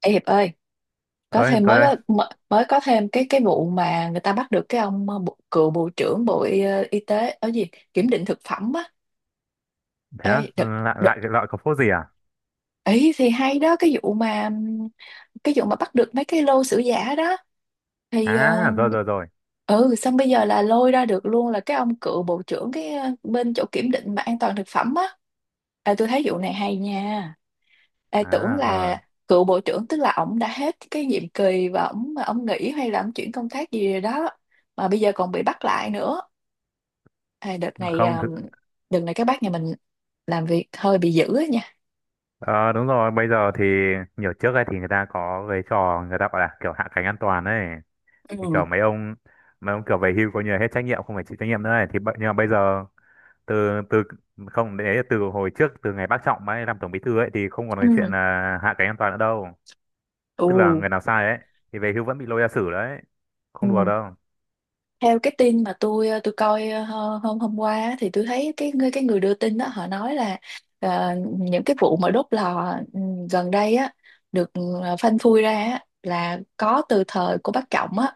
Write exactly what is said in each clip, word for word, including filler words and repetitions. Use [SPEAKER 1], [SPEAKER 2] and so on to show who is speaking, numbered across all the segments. [SPEAKER 1] Ê Hiệp ơi, có
[SPEAKER 2] ơi
[SPEAKER 1] thêm
[SPEAKER 2] tôi
[SPEAKER 1] mới
[SPEAKER 2] đây
[SPEAKER 1] có mới mới có thêm cái cái vụ mà người ta bắt được cái ông ờ, bộ, cựu bộ trưởng Bộ Y, ờ, Y tế ở gì kiểm định thực phẩm á.
[SPEAKER 2] Thế á?
[SPEAKER 1] Ê, đợt,
[SPEAKER 2] Lại lại
[SPEAKER 1] đợt,
[SPEAKER 2] cái loại có phốt gì à?
[SPEAKER 1] ấy thì hay đó cái vụ mà ừm, cái vụ mà bắt được mấy cái lô sữa giả đó thì ờ,
[SPEAKER 2] À, rồi, rồi, rồi.
[SPEAKER 1] ừ, xong bây giờ là lôi ra được luôn là cái ông cựu bộ trưởng cái ờ, bên chỗ kiểm định mà an toàn thực phẩm á. À, tôi thấy vụ này hay nha. Ê,
[SPEAKER 2] À,
[SPEAKER 1] tưởng là
[SPEAKER 2] ờ
[SPEAKER 1] cựu bộ trưởng tức là ổng đã hết cái nhiệm kỳ và ổng mà ổng nghỉ hay là ổng chuyển công tác gì rồi đó mà bây giờ còn bị bắt lại nữa. Ê, đợt này
[SPEAKER 2] không
[SPEAKER 1] à,
[SPEAKER 2] thực.
[SPEAKER 1] đợt này các bác nhà mình làm việc hơi bị dữ á nha.
[SPEAKER 2] ờ, Đúng rồi, bây giờ thì nhiều trước ấy thì người ta có cái trò, người ta gọi là kiểu hạ cánh an toàn ấy, thì
[SPEAKER 1] Ừ,
[SPEAKER 2] kiểu mấy ông mấy ông kiểu về hưu, coi như là hết trách nhiệm, không phải chịu trách nhiệm nữa ấy, thì bây- nhưng mà bây giờ từ từ. Không, đấy là từ hồi trước, từ ngày bác Trọng ấy làm tổng bí thư ấy thì không còn cái chuyện
[SPEAKER 1] ừ,
[SPEAKER 2] là hạ cánh an toàn nữa đâu.
[SPEAKER 1] ừ,
[SPEAKER 2] Tức là người nào sai ấy thì về hưu vẫn bị lôi ra xử đấy, không đùa
[SPEAKER 1] ừ.
[SPEAKER 2] đâu.
[SPEAKER 1] Theo cái tin mà tôi à, tôi coi à, hơ- hôm hôm qua á, thì tôi thấy cái người cái người đưa tin đó họ nói là ờ, những cái vụ mà đốt lò ừ, gần đây á được ờ, phanh phui ra á, là có từ thời của bác Trọng á,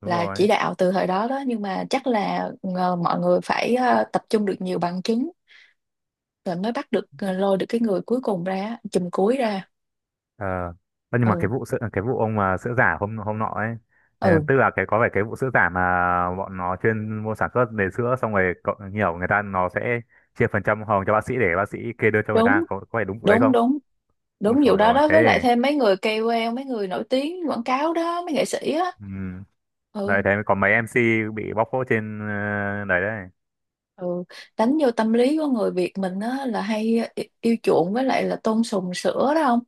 [SPEAKER 2] Đúng
[SPEAKER 1] là chỉ
[SPEAKER 2] rồi.
[SPEAKER 1] đạo từ thời đó đó. Nhưng mà chắc là ờ, mọi người phải ờ, tập trung được nhiều bằng chứng rồi mới bắt được, ờ, lôi được cái người cuối cùng ra, chùm cuối ra.
[SPEAKER 2] Ờ, ơ, nhưng mà cái
[SPEAKER 1] Ừ,
[SPEAKER 2] vụ sữa, cái vụ ông mà sữa giả hôm hôm nọ ấy, ờ,
[SPEAKER 1] ừ.
[SPEAKER 2] tức là cái, có phải cái vụ sữa giả mà bọn nó chuyên mua sản xuất để sữa, xong rồi cậu- nhiều người ta nó sẽ chia phần trăm hồng cho bác sĩ để bác sĩ kê đơn cho người
[SPEAKER 1] đúng
[SPEAKER 2] ta, có có phải đúng vụ đấy
[SPEAKER 1] đúng
[SPEAKER 2] không?
[SPEAKER 1] đúng
[SPEAKER 2] Ôi
[SPEAKER 1] đúng
[SPEAKER 2] trời
[SPEAKER 1] vụ đó
[SPEAKER 2] ơi,
[SPEAKER 1] đó,
[SPEAKER 2] thế
[SPEAKER 1] với lại thêm mấy người ca âu lờ, mấy người nổi tiếng quảng cáo đó, mấy nghệ sĩ á.
[SPEAKER 2] ừ. Đấy,
[SPEAKER 1] Ừ,
[SPEAKER 2] thế mới có mấy em xê bị bóc phốt trên, ờ, đấy đấy
[SPEAKER 1] ừ, đánh vô tâm lý của người Việt mình á, là hay i- yêu chuộng với lại là tôn sùng sữa đó không.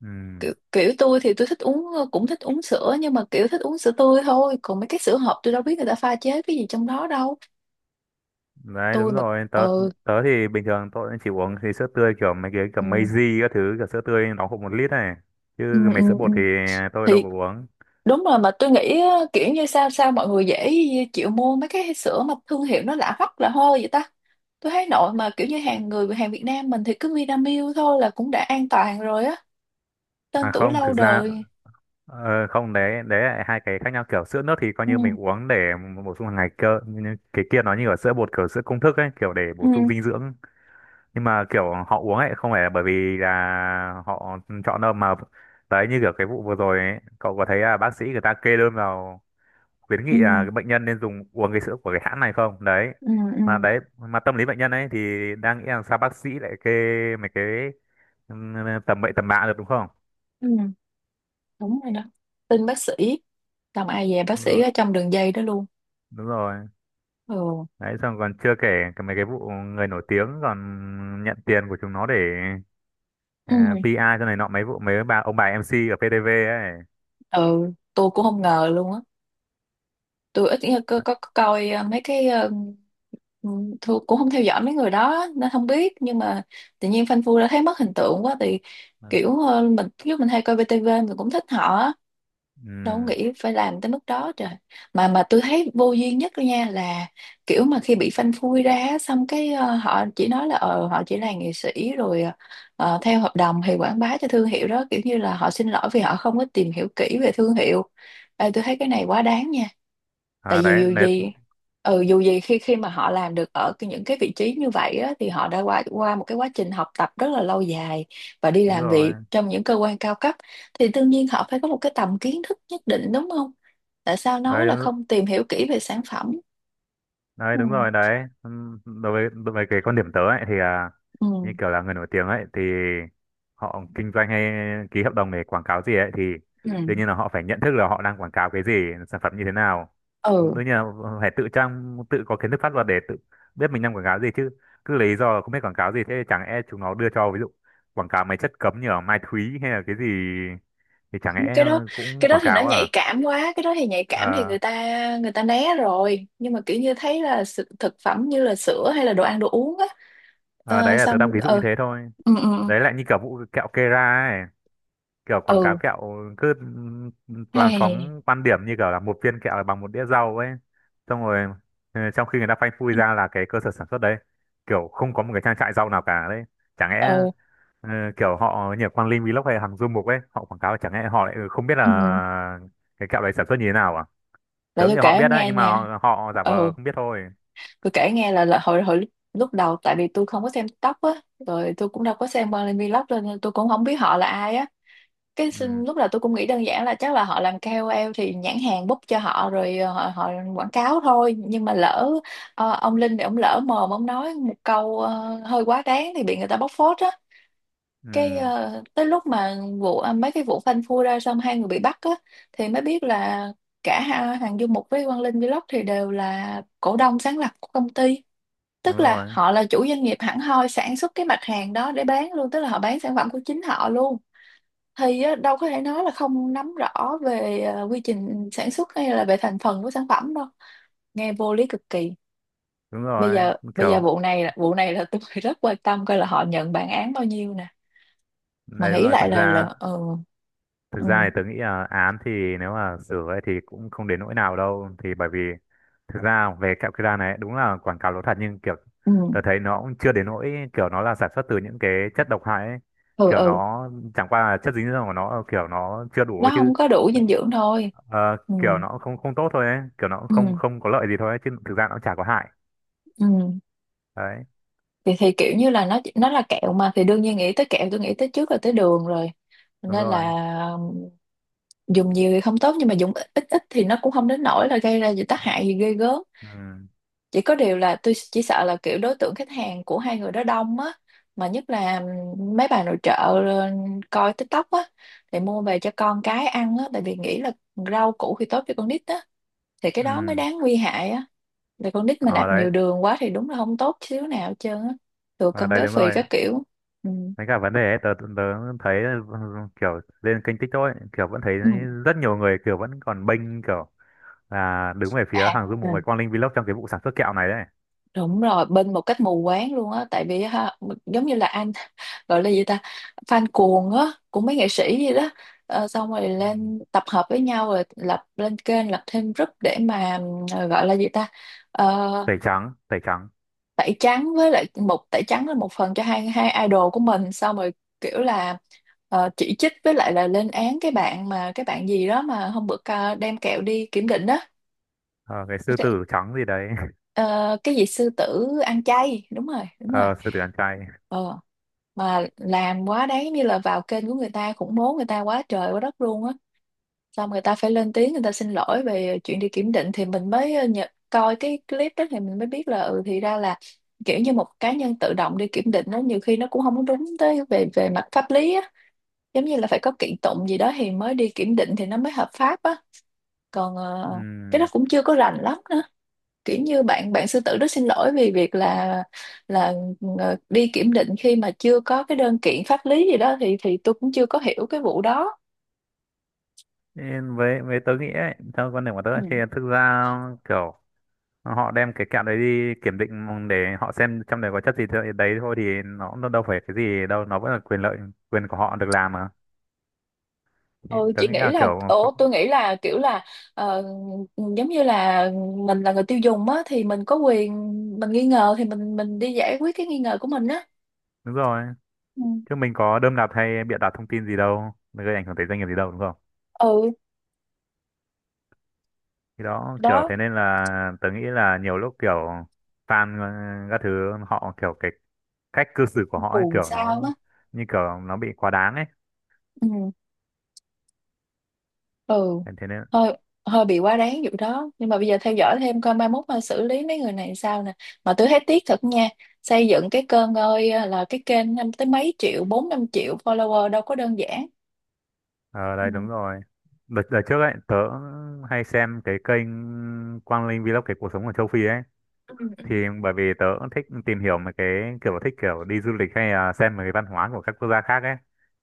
[SPEAKER 2] ừ.
[SPEAKER 1] Kiểu, kiểu tôi thì tôi thích uống, cũng thích uống sữa, nhưng mà kiểu thích uống sữa tươi thôi, còn mấy cái sữa hộp tôi đâu biết người ta pha chế cái gì trong đó đâu.
[SPEAKER 2] Đấy
[SPEAKER 1] Tôi
[SPEAKER 2] đúng
[SPEAKER 1] mà
[SPEAKER 2] rồi, tớ
[SPEAKER 1] ừ,
[SPEAKER 2] tớ thì bình thường tôi chỉ uống thì sữa tươi, kiểu mấy cái kiểu
[SPEAKER 1] ừ,
[SPEAKER 2] Meiji các thứ, kiểu sữa tươi nó cũng một lít này,
[SPEAKER 1] ừ,
[SPEAKER 2] chứ
[SPEAKER 1] ừ,
[SPEAKER 2] mấy sữa
[SPEAKER 1] ừ,
[SPEAKER 2] bột thì tôi đâu
[SPEAKER 1] thì
[SPEAKER 2] có uống.
[SPEAKER 1] đúng rồi. Mà tôi nghĩ á, kiểu như sao sao mọi người dễ chịu mua mấy cái sữa mà thương hiệu nó lạ hoắc lạ hôi vậy ta. Tôi thấy nội mà kiểu như hàng người hàng Việt Nam mình thì cứ Vinamilk thôi là cũng đã an toàn rồi á,
[SPEAKER 2] À
[SPEAKER 1] tên tuổi
[SPEAKER 2] không,
[SPEAKER 1] lâu
[SPEAKER 2] thực ra
[SPEAKER 1] đời.
[SPEAKER 2] ờ, không, đấy, đấy là hai cái khác nhau. Kiểu sữa nước thì coi
[SPEAKER 1] Ừ,
[SPEAKER 2] như mình uống để bổ sung hàng ngày cơ, nhưng cái kia nó như ở sữa bột, kiểu sữa công thức ấy, kiểu để bổ
[SPEAKER 1] ừ,
[SPEAKER 2] sung dinh dưỡng. Nhưng mà kiểu họ uống ấy không phải là bởi vì là họ chọn đâu mà. Đấy, như kiểu cái vụ vừa rồi ấy, cậu có thấy là bác sĩ người ta kê đơn vào khuyến
[SPEAKER 1] ừ,
[SPEAKER 2] nghị là cái bệnh nhân nên dùng uống cái sữa của cái hãng này không? Đấy.
[SPEAKER 1] ừ, ừ,
[SPEAKER 2] Mà đấy, mà tâm lý bệnh nhân ấy thì đang nghĩ là sao bác sĩ lại kê mấy cái ừ, tầm bậy tầm bạ được, đúng không?
[SPEAKER 1] ừ. Đúng rồi đó, tin bác sĩ, xong ai về bác
[SPEAKER 2] Đúng
[SPEAKER 1] sĩ
[SPEAKER 2] rồi,
[SPEAKER 1] ở trong đường dây đó luôn.
[SPEAKER 2] đúng rồi.
[SPEAKER 1] Ừ,
[SPEAKER 2] Đấy, xong còn chưa kể cái mấy cái vụ người nổi tiếng còn nhận tiền của chúng nó để ờ,
[SPEAKER 1] ừ,
[SPEAKER 2] pi a cho này nọ, mấy vụ mấy bà ông bà em xê ở pê tê vê ấy.
[SPEAKER 1] ừ, tôi cũng không ngờ luôn á. Tôi ít có, có, có coi ờ, mấy cái ờ, Ừ, Thu cũng không theo dõi mấy người đó nên không biết, nhưng mà tự nhiên Phanh Phui đã thấy mất hình tượng quá, thì kiểu ờ, mình lúc mình hay coi vê tê vê mình cũng thích họ á. Đâu có
[SPEAKER 2] Ừ.
[SPEAKER 1] nghĩ phải làm tới mức đó trời. Mà mà tôi thấy vô duyên nhất đó nha, là kiểu mà khi bị Phanh Phui ra á, xong cái ờ, họ chỉ nói là ờ họ chỉ là nghệ sĩ rồi ờ, theo hợp đồng thì quảng bá cho thương hiệu đó, kiểu như là họ xin lỗi vì họ không có tìm hiểu kỹ về thương hiệu. Ê, tôi thấy cái này quá đáng nha. Tại
[SPEAKER 2] À,
[SPEAKER 1] vì
[SPEAKER 2] đấy,
[SPEAKER 1] dù
[SPEAKER 2] đấy,
[SPEAKER 1] gì, ừ, dù gì khi khi mà họ làm được ở cái- những cái vị trí như vậy á, thì họ đã qua qua một cái quá trình học tập rất là lâu dài và đi
[SPEAKER 2] đúng
[SPEAKER 1] làm
[SPEAKER 2] rồi.
[SPEAKER 1] việc trong những cơ quan cao cấp, thì đương nhiên họ phải có một cái tầm kiến thức nhất định đúng không. Tại sao nói
[SPEAKER 2] Đấy,
[SPEAKER 1] là
[SPEAKER 2] đúng,
[SPEAKER 1] không tìm hiểu kỹ về sản phẩm.
[SPEAKER 2] đấy
[SPEAKER 1] Ừ,
[SPEAKER 2] đúng rồi đấy. Ừm, đối với đối với cái quan điểm tớ ấy thì à,
[SPEAKER 1] ừ,
[SPEAKER 2] như kiểu là người nổi tiếng ấy thì họ kinh doanh hay ký hợp đồng để quảng cáo gì ấy, thì
[SPEAKER 1] ừ,
[SPEAKER 2] đương nhiên là họ phải nhận thức là họ đang quảng cáo cái gì, sản phẩm như thế nào.
[SPEAKER 1] ừ.
[SPEAKER 2] Đương nhiên là phải tự trang, tự có kiến thức pháp luật để tự biết mình đang quảng cáo gì chứ. Cứ lấy lý do là không biết quảng cáo gì, thế chẳng e chúng nó đưa cho ví dụ quảng cáo mấy chất cấm như ở Mai Thúy hay là cái gì thì chẳng
[SPEAKER 1] Nhưng
[SPEAKER 2] lẽ
[SPEAKER 1] cái đó,
[SPEAKER 2] cũng
[SPEAKER 1] cái đó
[SPEAKER 2] quảng
[SPEAKER 1] thì nó
[SPEAKER 2] cáo à?
[SPEAKER 1] nhạy cảm quá, cái đó thì nhạy cảm thì
[SPEAKER 2] Ờ,
[SPEAKER 1] người ta, người ta né rồi, nhưng mà kiểu như thấy là sự- thực phẩm như là sữa hay là đồ ăn đồ uống á.
[SPEAKER 2] Ờ, Đấy
[SPEAKER 1] ờ,
[SPEAKER 2] là tớ đang
[SPEAKER 1] xong
[SPEAKER 2] ví dụ như
[SPEAKER 1] ờ
[SPEAKER 2] thế thôi.
[SPEAKER 1] ừ, ừ,
[SPEAKER 2] Đấy lại như kiểu vụ kẹo Kera ấy. Kiểu quảng cáo
[SPEAKER 1] ừ.
[SPEAKER 2] kẹo cứ, ừ, toàn
[SPEAKER 1] Hey,
[SPEAKER 2] phóng quan điểm như kiểu là một viên kẹo là bằng một đĩa rau ấy. Xong rồi ừ, trong khi người ta phanh phui ra là cái cơ sở sản xuất đấy. Kiểu không có một cái trang trại rau nào cả đấy. Chẳng lẽ
[SPEAKER 1] ừ,
[SPEAKER 2] ừ, kiểu họ như Quang Linh Vlog hay Hằng Du Mục ấy, họ quảng cáo, chẳng lẽ họ lại không biết
[SPEAKER 1] ừ.
[SPEAKER 2] là cái kẹo đấy sản xuất như thế nào à?
[SPEAKER 1] Để
[SPEAKER 2] Tớ nghĩ
[SPEAKER 1] tôi kể
[SPEAKER 2] họ biết
[SPEAKER 1] em
[SPEAKER 2] đấy,
[SPEAKER 1] nghe
[SPEAKER 2] nhưng mà
[SPEAKER 1] nha.
[SPEAKER 2] họ, họ giả
[SPEAKER 1] Ừ,
[SPEAKER 2] vờ không biết thôi.
[SPEAKER 1] tôi kể nghe là, là hồi hồi lúc lúc đầu tại vì tôi không có xem TikTok á, rồi tôi cũng đâu có xem Marley Vlog cho nên là tôi cũng không biết họ là ai á. Cái xin-
[SPEAKER 2] Ừ,
[SPEAKER 1] lúc đầu tôi cũng nghĩ đơn giản là chắc là họ làm ca âu lờ thì nhãn hàng book cho họ rồi ờ, họ, họ quảng cáo thôi. Nhưng mà lỡ ờ, ông Linh thì ông lỡ mồm ông nói một câu ờ, hơi quá đáng thì bị người ta bóc phốt. Cái
[SPEAKER 2] ừ,
[SPEAKER 1] ờ, tới lúc mà vụ à, mấy cái vụ phanh phui ra xong hai người bị bắt á, thì mới biết là cả ha- Hằng Du Mục với Quang Linh Vlog thì đều là cổ đông sáng lập của công ty,
[SPEAKER 2] đúng
[SPEAKER 1] tức là
[SPEAKER 2] rồi,
[SPEAKER 1] họ là chủ doanh nghiệp hẳn hoi sản xuất cái mặt hàng đó để bán luôn, tức là họ bán sản phẩm của chính họ luôn. Thì á, đâu có thể nói là không nắm rõ về ờ, quy trình sản xuất hay là về thành phần của sản phẩm đâu, nghe vô lý cực kỳ.
[SPEAKER 2] đúng
[SPEAKER 1] bây
[SPEAKER 2] rồi.
[SPEAKER 1] giờ bây giờ
[SPEAKER 2] Kiểu
[SPEAKER 1] vụ này là- vụ này là tôi rất quan tâm coi là họ nhận bản án bao nhiêu nè. Mà
[SPEAKER 2] đấy đúng
[SPEAKER 1] nghĩ
[SPEAKER 2] rồi,
[SPEAKER 1] lại
[SPEAKER 2] thực
[SPEAKER 1] là
[SPEAKER 2] ra
[SPEAKER 1] là ừ,
[SPEAKER 2] thực
[SPEAKER 1] ừ,
[SPEAKER 2] ra thì tớ nghĩ là án thì nếu mà sửa ấy thì cũng không đến nỗi nào đâu, thì bởi vì thực ra về kẹo Kira này đúng là quảng cáo lố thật, nhưng kiểu
[SPEAKER 1] ừ,
[SPEAKER 2] tớ thấy nó cũng chưa đến nỗi kiểu nó là sản xuất từ những cái chất độc hại ấy.
[SPEAKER 1] ừ,
[SPEAKER 2] Kiểu
[SPEAKER 1] ừ.
[SPEAKER 2] nó chẳng qua là chất dinh dưỡng của nó kiểu nó chưa đủ
[SPEAKER 1] Nó
[SPEAKER 2] ấy chứ.
[SPEAKER 1] không có đủ dinh dưỡng thôi.
[SPEAKER 2] Ờ,
[SPEAKER 1] Ừ,
[SPEAKER 2] kiểu nó không không tốt thôi ấy, kiểu nó cũng không
[SPEAKER 1] ừ,
[SPEAKER 2] không có lợi gì thôi ấy, chứ thực ra nó cũng chả có hại.
[SPEAKER 1] ừ,
[SPEAKER 2] Đấy,
[SPEAKER 1] thì thì kiểu như là nó nó là kẹo mà, thì đương nhiên nghĩ tới kẹo tôi nghĩ tới trước là tới đường rồi,
[SPEAKER 2] đúng
[SPEAKER 1] nên
[SPEAKER 2] rồi.
[SPEAKER 1] là dùng nhiều thì không tốt, nhưng mà dùng ít ít ít thì nó cũng không đến nỗi là gây ra gì tác hại gì ghê gớm.
[SPEAKER 2] Ừ.
[SPEAKER 1] Chỉ có điều là tôi chỉ sợ là kiểu đối tượng khách hàng của hai người đó đông á, mà nhất là mấy bà nội trợ ờ, coi TikTok á thì mua về cho con cái ăn á, tại vì nghĩ là rau củ thì tốt cho con nít á, thì cái đó mới
[SPEAKER 2] Ừ.
[SPEAKER 1] đáng nguy hại á. Là con nít mà
[SPEAKER 2] Ờ
[SPEAKER 1] nạp
[SPEAKER 2] đấy,
[SPEAKER 1] nhiều đường quá thì đúng là không tốt xíu nào hết trơn á, thừa
[SPEAKER 2] Ờ,
[SPEAKER 1] cân
[SPEAKER 2] đấy
[SPEAKER 1] béo
[SPEAKER 2] đúng
[SPEAKER 1] phì
[SPEAKER 2] rồi.
[SPEAKER 1] các kiểu. Ừ.
[SPEAKER 2] Với cả vấn đề ấy, tớ, tớ tớ thấy kiểu lên kênh TikTok ấy, kiểu vẫn thấy
[SPEAKER 1] Ừ.
[SPEAKER 2] rất nhiều người kiểu vẫn còn bênh, kiểu là đứng về phía hàng
[SPEAKER 1] À,
[SPEAKER 2] du mục với Quang Linh Vlog trong cái vụ sản xuất kẹo này đấy.
[SPEAKER 1] đúng rồi, bên một cách mù quáng luôn á. Tại vì ha, giống như là anh gọi là gì ta, fan cuồng á của mấy nghệ sĩ gì đó. Ờ, xong rồi
[SPEAKER 2] Ừ.
[SPEAKER 1] lên tập hợp với nhau rồi lập lên kênh lập thêm group để mà ờ, gọi là gì ta. Ờ,
[SPEAKER 2] Tẩy trắng, tẩy trắng.
[SPEAKER 1] tẩy trắng với lại một tẩy trắng là một phần cho hai hai idol của mình, xong rồi kiểu là ờ, chỉ trích với lại là lên án cái bạn mà cái bạn gì đó mà hôm bữa ca- đem kẹo đi kiểm định đó.
[SPEAKER 2] Ờ, cái sư tử trắng gì đấy.
[SPEAKER 1] Ờ, cái gì sư tử ăn chay, đúng rồi đúng rồi.
[SPEAKER 2] Ờ, sư tử ăn chay.
[SPEAKER 1] Ờ, mà làm quá đáng, giống như là vào kênh của người ta khủng bố người ta quá trời quá đất luôn á, xong người ta phải lên tiếng người ta xin lỗi về chuyện đi kiểm định, thì mình mới ờ, nhận, coi cái clip đó thì mình mới biết là ừ thì ra là kiểu như một cá nhân tự động đi kiểm định đó nhiều khi nó cũng không có đúng tới về về mặt pháp lý á, giống như là phải có kiện tụng gì đó thì mới đi kiểm định thì nó mới hợp pháp á. Còn ờ, cái đó
[SPEAKER 2] Ừm,
[SPEAKER 1] cũng chưa có rành lắm, kiểu như bạn bạn sư tử rất xin lỗi vì việc là là ờ, đi kiểm định khi mà chưa có cái đơn kiện pháp lý gì đó, thì thì tôi cũng chưa có hiểu cái vụ đó.
[SPEAKER 2] Nên với với tớ nghĩ ấy, theo quan điểm của tớ
[SPEAKER 1] Ừ.
[SPEAKER 2] thì thực ra kiểu họ đem cái kẹo đấy đi kiểm định để họ xem trong đấy có chất gì thì- đấy, thôi thì nó, nó đâu phải cái gì đâu, nó vẫn là quyền lợi, quyền của họ được làm mà. Ý-
[SPEAKER 1] Ừ,
[SPEAKER 2] tớ
[SPEAKER 1] chị
[SPEAKER 2] nghĩ
[SPEAKER 1] nghĩ
[SPEAKER 2] là
[SPEAKER 1] là
[SPEAKER 2] kiểu
[SPEAKER 1] ồ tôi nghĩ là kiểu là ờ, giống như là mình là người tiêu dùng á thì mình có quyền, mình nghi ngờ thì mình mình đi giải quyết cái nghi ngờ của mình á.
[SPEAKER 2] đúng rồi,
[SPEAKER 1] Ừ.
[SPEAKER 2] chứ mình có đơm đặt hay bịa đặt thông tin gì đâu, gây ảnh hưởng tới doanh nghiệp gì đâu, đúng không?
[SPEAKER 1] Ừ,
[SPEAKER 2] Thì đó, kiểu
[SPEAKER 1] đó,
[SPEAKER 2] thế nên là tớ nghĩ là nhiều lúc kiểu fan, ờ, các thứ họ kiểu cái cách cư xử của họ ấy,
[SPEAKER 1] cuồng
[SPEAKER 2] kiểu
[SPEAKER 1] sao
[SPEAKER 2] nó
[SPEAKER 1] á.
[SPEAKER 2] như kiểu nó bị quá đáng ấy.
[SPEAKER 1] Ừ, ừ,
[SPEAKER 2] Thế thế nên
[SPEAKER 1] hơi, hơi bị quá đáng vụ đó, nhưng mà bây giờ theo dõi thêm coi mai mốt mà xử lý mấy người này sao nè. Mà tôi thấy tiếc thật nha, xây dựng cái kênh, ơi là cái kênh năm tới mấy triệu bốn năm triệu follower đâu có đơn giản.
[SPEAKER 2] ờ đây
[SPEAKER 1] Ừ,
[SPEAKER 2] đúng rồi. Đợt, đợt trước ấy tớ hay xem cái kênh Quang Linh Vlog, cái cuộc sống ở châu Phi ấy,
[SPEAKER 1] ừ,
[SPEAKER 2] thì bởi vì tớ cũng thích tìm hiểu mấy cái kiểu thích kiểu đi du lịch hay là xem mấy cái văn hóa của các quốc gia khác ấy,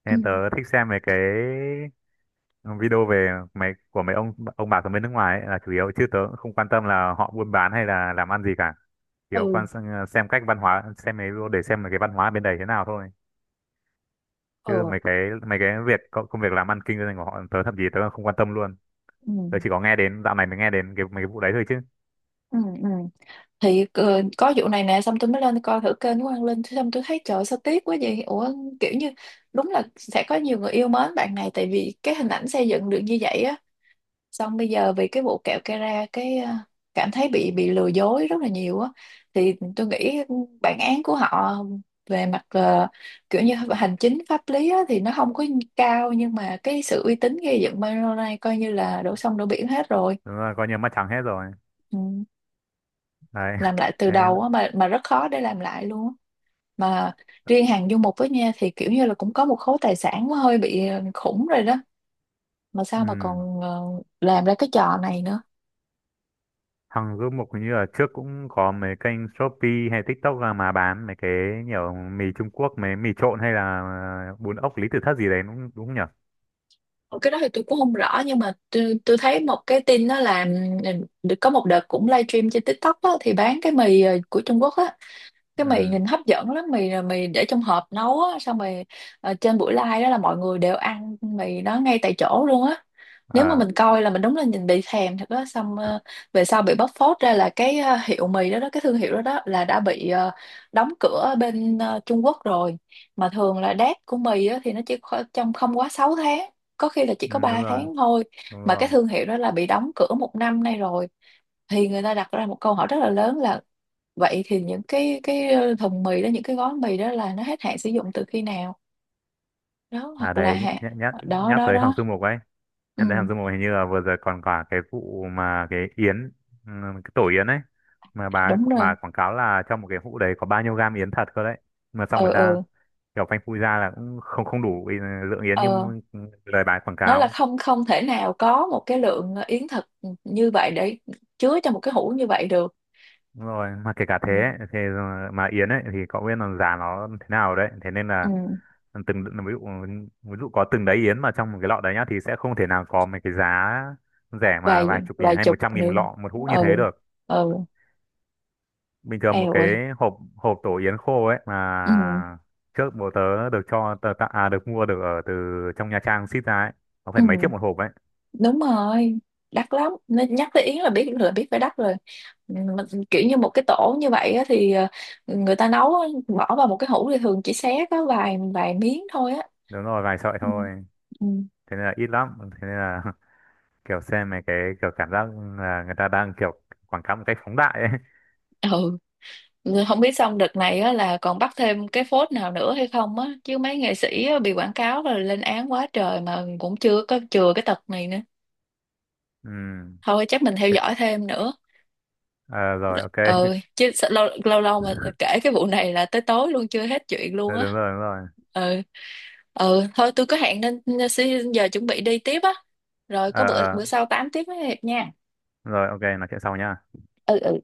[SPEAKER 2] nên tớ
[SPEAKER 1] ừ,
[SPEAKER 2] thích xem mấy cái video về mấy của mấy ông ông bà ở bên nước ngoài ấy là chủ yếu, chứ tớ cũng không quan tâm là họ buôn bán hay là làm ăn gì cả, chỉ có
[SPEAKER 1] ừ,
[SPEAKER 2] quan sang- xem cách văn hóa, xem mấy video để xem mấy cái văn hóa bên đấy thế nào thôi, chứ
[SPEAKER 1] ừ,
[SPEAKER 2] mấy cái mấy cái việc công công việc làm ăn kinh doanh của họ tớ thậm chí tớ không quan tâm luôn.
[SPEAKER 1] ừ,
[SPEAKER 2] Tớ chỉ có nghe đến dạo này mới nghe đến cái mấy cái vụ đấy thôi chứ.
[SPEAKER 1] ừ, ừ, ừ. Thì ờ, có vụ này nè, xong tôi mới lên coi thử kênh của Quang Linh, xong tôi thấy trời sao tiếc quá vậy ủa, kiểu như đúng là sẽ có nhiều người yêu mến bạn này tại vì cái hình ảnh xây dựng được như vậy á, xong bây giờ vì cái vụ kẹo Kera cái ờ, cảm thấy bị bị lừa dối rất là nhiều á. Thì tôi nghĩ bản án của họ về mặt ờ, kiểu như hành chính pháp lý á, thì nó không có cao, nhưng mà cái sự uy tín gây dựng Milo này coi như là đổ sông đổ biển hết rồi.
[SPEAKER 2] Đúng là coi như mất trắng hết rồi
[SPEAKER 1] Ừ.
[SPEAKER 2] đấy.
[SPEAKER 1] Làm lại từ
[SPEAKER 2] Thế
[SPEAKER 1] đầu á, mà mà rất khó để làm lại luôn á. Mà riêng hàng du mục với nha, thì kiểu như là cũng có một khối tài sản nó hơi bị ờ, khủng rồi đó, mà sao mà
[SPEAKER 2] ừ.
[SPEAKER 1] còn ờ, làm ra cái trò này nữa.
[SPEAKER 2] Hằng Du Mục hình như là trước cũng có mấy kênh Shopee hay TikTok ra mà bán mấy cái nhiều mì Trung Quốc, mấy mì trộn hay là bún ốc Lý Tự Thất gì đấy, đúng đúng nhỉ?
[SPEAKER 1] Ờ, cái đó thì tôi cũng không rõ, nhưng mà tôi, tôi thấy một cái tin đó là ừ, có một đợt cũng livestream trên TikTok á, thì bán cái mì ờ, của Trung Quốc á, cái mì
[SPEAKER 2] Ừ.
[SPEAKER 1] nhìn hấp dẫn lắm, mì là mì để trong hộp nấu á, xong rồi ờ, trên buổi live đó là mọi người đều ăn mì đó ngay tại chỗ luôn á. Nếu mà
[SPEAKER 2] À,
[SPEAKER 1] mình coi là mình đúng là nhìn bị thèm thật đó, xong ờ, về sau bị bóc phốt ra là cái ờ, hiệu mì đó đó cái thương hiệu đó đó là đã bị ờ, đóng cửa ở bên ờ, Trung Quốc rồi. Mà thường là date của mì á, thì nó chỉ kho- trong không quá sáu tháng, có khi là chỉ
[SPEAKER 2] ừ,
[SPEAKER 1] có
[SPEAKER 2] đúng
[SPEAKER 1] ba
[SPEAKER 2] rồi,
[SPEAKER 1] tháng thôi.
[SPEAKER 2] đúng
[SPEAKER 1] Mà cái
[SPEAKER 2] rồi.
[SPEAKER 1] thương hiệu đó là bị đóng cửa một năm nay rồi, thì người ta đặt ra một câu hỏi rất là lớn là vậy thì những cái cái ờ, thùng mì đó, những cái gói mì đó là nó hết hạn sử dụng từ khi nào đó,
[SPEAKER 2] À
[SPEAKER 1] hoặc là
[SPEAKER 2] đấy,
[SPEAKER 1] hạ-
[SPEAKER 2] nhắc nhắc
[SPEAKER 1] đó
[SPEAKER 2] nhắc
[SPEAKER 1] đó
[SPEAKER 2] tới Hằng
[SPEAKER 1] đó.
[SPEAKER 2] Du Mục ấy.
[SPEAKER 1] Ừ,
[SPEAKER 2] Nhắc tới Hằng Du Mục hình như là vừa rồi còn cả cái vụ mà cái yến, ừ, cái tổ yến ấy, mà
[SPEAKER 1] dạ,
[SPEAKER 2] bà ấy-
[SPEAKER 1] đúng rồi.
[SPEAKER 2] bà quảng cáo là trong một cái hũ đấy có bao nhiêu gam yến thật cơ đấy. Mà xong
[SPEAKER 1] Ừ,
[SPEAKER 2] người ta
[SPEAKER 1] ừ,
[SPEAKER 2] kiểu phanh phui ra là cũng không không đủ ừ, lượng yến như
[SPEAKER 1] ờ,
[SPEAKER 2] lời bà ấy quảng
[SPEAKER 1] nó là
[SPEAKER 2] cáo.
[SPEAKER 1] không, không thể nào có một cái lượng ờ, yến thật như vậy để chứa cho một cái hũ như vậy được.
[SPEAKER 2] Đúng rồi, mà kể cả
[SPEAKER 1] Ừ,
[SPEAKER 2] thế ấy, thì mà Yến ấy thì cậu biết là giá nó thế nào đấy, thế nên
[SPEAKER 1] ừ.
[SPEAKER 2] là từng ví dụ, ví dụ có từng đấy Yến mà trong một cái lọ đấy nhá thì sẽ không thể nào có mấy cái giá rẻ mà vài
[SPEAKER 1] vài
[SPEAKER 2] chục nghìn
[SPEAKER 1] vài
[SPEAKER 2] hay một
[SPEAKER 1] chục
[SPEAKER 2] trăm nghìn
[SPEAKER 1] nữa.
[SPEAKER 2] một lọ một hũ như thế
[SPEAKER 1] Ừ,
[SPEAKER 2] được.
[SPEAKER 1] ừ,
[SPEAKER 2] Bình thường một
[SPEAKER 1] eo
[SPEAKER 2] cái
[SPEAKER 1] ơi.
[SPEAKER 2] hộp hộp tổ Yến khô ấy
[SPEAKER 1] Ừ.
[SPEAKER 2] mà trước bố tớ được cho tớ, tặng- à được mua được ở từ trong Nha Trang ship ra ấy, nó
[SPEAKER 1] Ừ,
[SPEAKER 2] phải mấy triệu một hộp ấy.
[SPEAKER 1] đúng rồi, đắt lắm, nên nhắc tới Yến là biết, là biết phải đắt rồi. Ừ, mà kiểu như một cái tổ như vậy á, thì ờ, người ta nấu á, bỏ vào một cái hũ thì thường chỉ xé có vài vài miếng thôi á.
[SPEAKER 2] Đúng rồi, vài sợi
[SPEAKER 1] Ừ,
[SPEAKER 2] thôi.
[SPEAKER 1] ừ.
[SPEAKER 2] Thế nên là ít lắm, thế nên là kiểu xem mấy cái kiểu cảm giác là người ta đang kiểu quảng cáo một cách phóng đại ấy.
[SPEAKER 1] Ừ. Rồi không biết xong đợt này á, là còn bắt thêm cái phốt nào nữa hay không á, chứ mấy nghệ sĩ á, bị quảng cáo rồi lên án quá trời mà cũng chưa có chừa cái tật này nữa.
[SPEAKER 2] Ừ.
[SPEAKER 1] Thôi chắc mình theo
[SPEAKER 2] thế-
[SPEAKER 1] dõi thêm nữa.
[SPEAKER 2] ờ, rồi ok.
[SPEAKER 1] Ừ, chứ sao, lâu lâu lâu mà kể cái vụ này là tới tối luôn chưa hết chuyện
[SPEAKER 2] Ừ,
[SPEAKER 1] luôn á.
[SPEAKER 2] đúng rồi đúng rồi.
[SPEAKER 1] Ừ, ừ, thôi tôi có hẹn nên, nên xin giờ chuẩn bị đi tiếp á. Rồi
[SPEAKER 2] Ờ,
[SPEAKER 1] có bữa
[SPEAKER 2] ờ,
[SPEAKER 1] bữa sau tám tiếp với Hiệp nha.
[SPEAKER 2] rồi ok, nói chuyện sau nhá.
[SPEAKER 1] Ừ, ừ.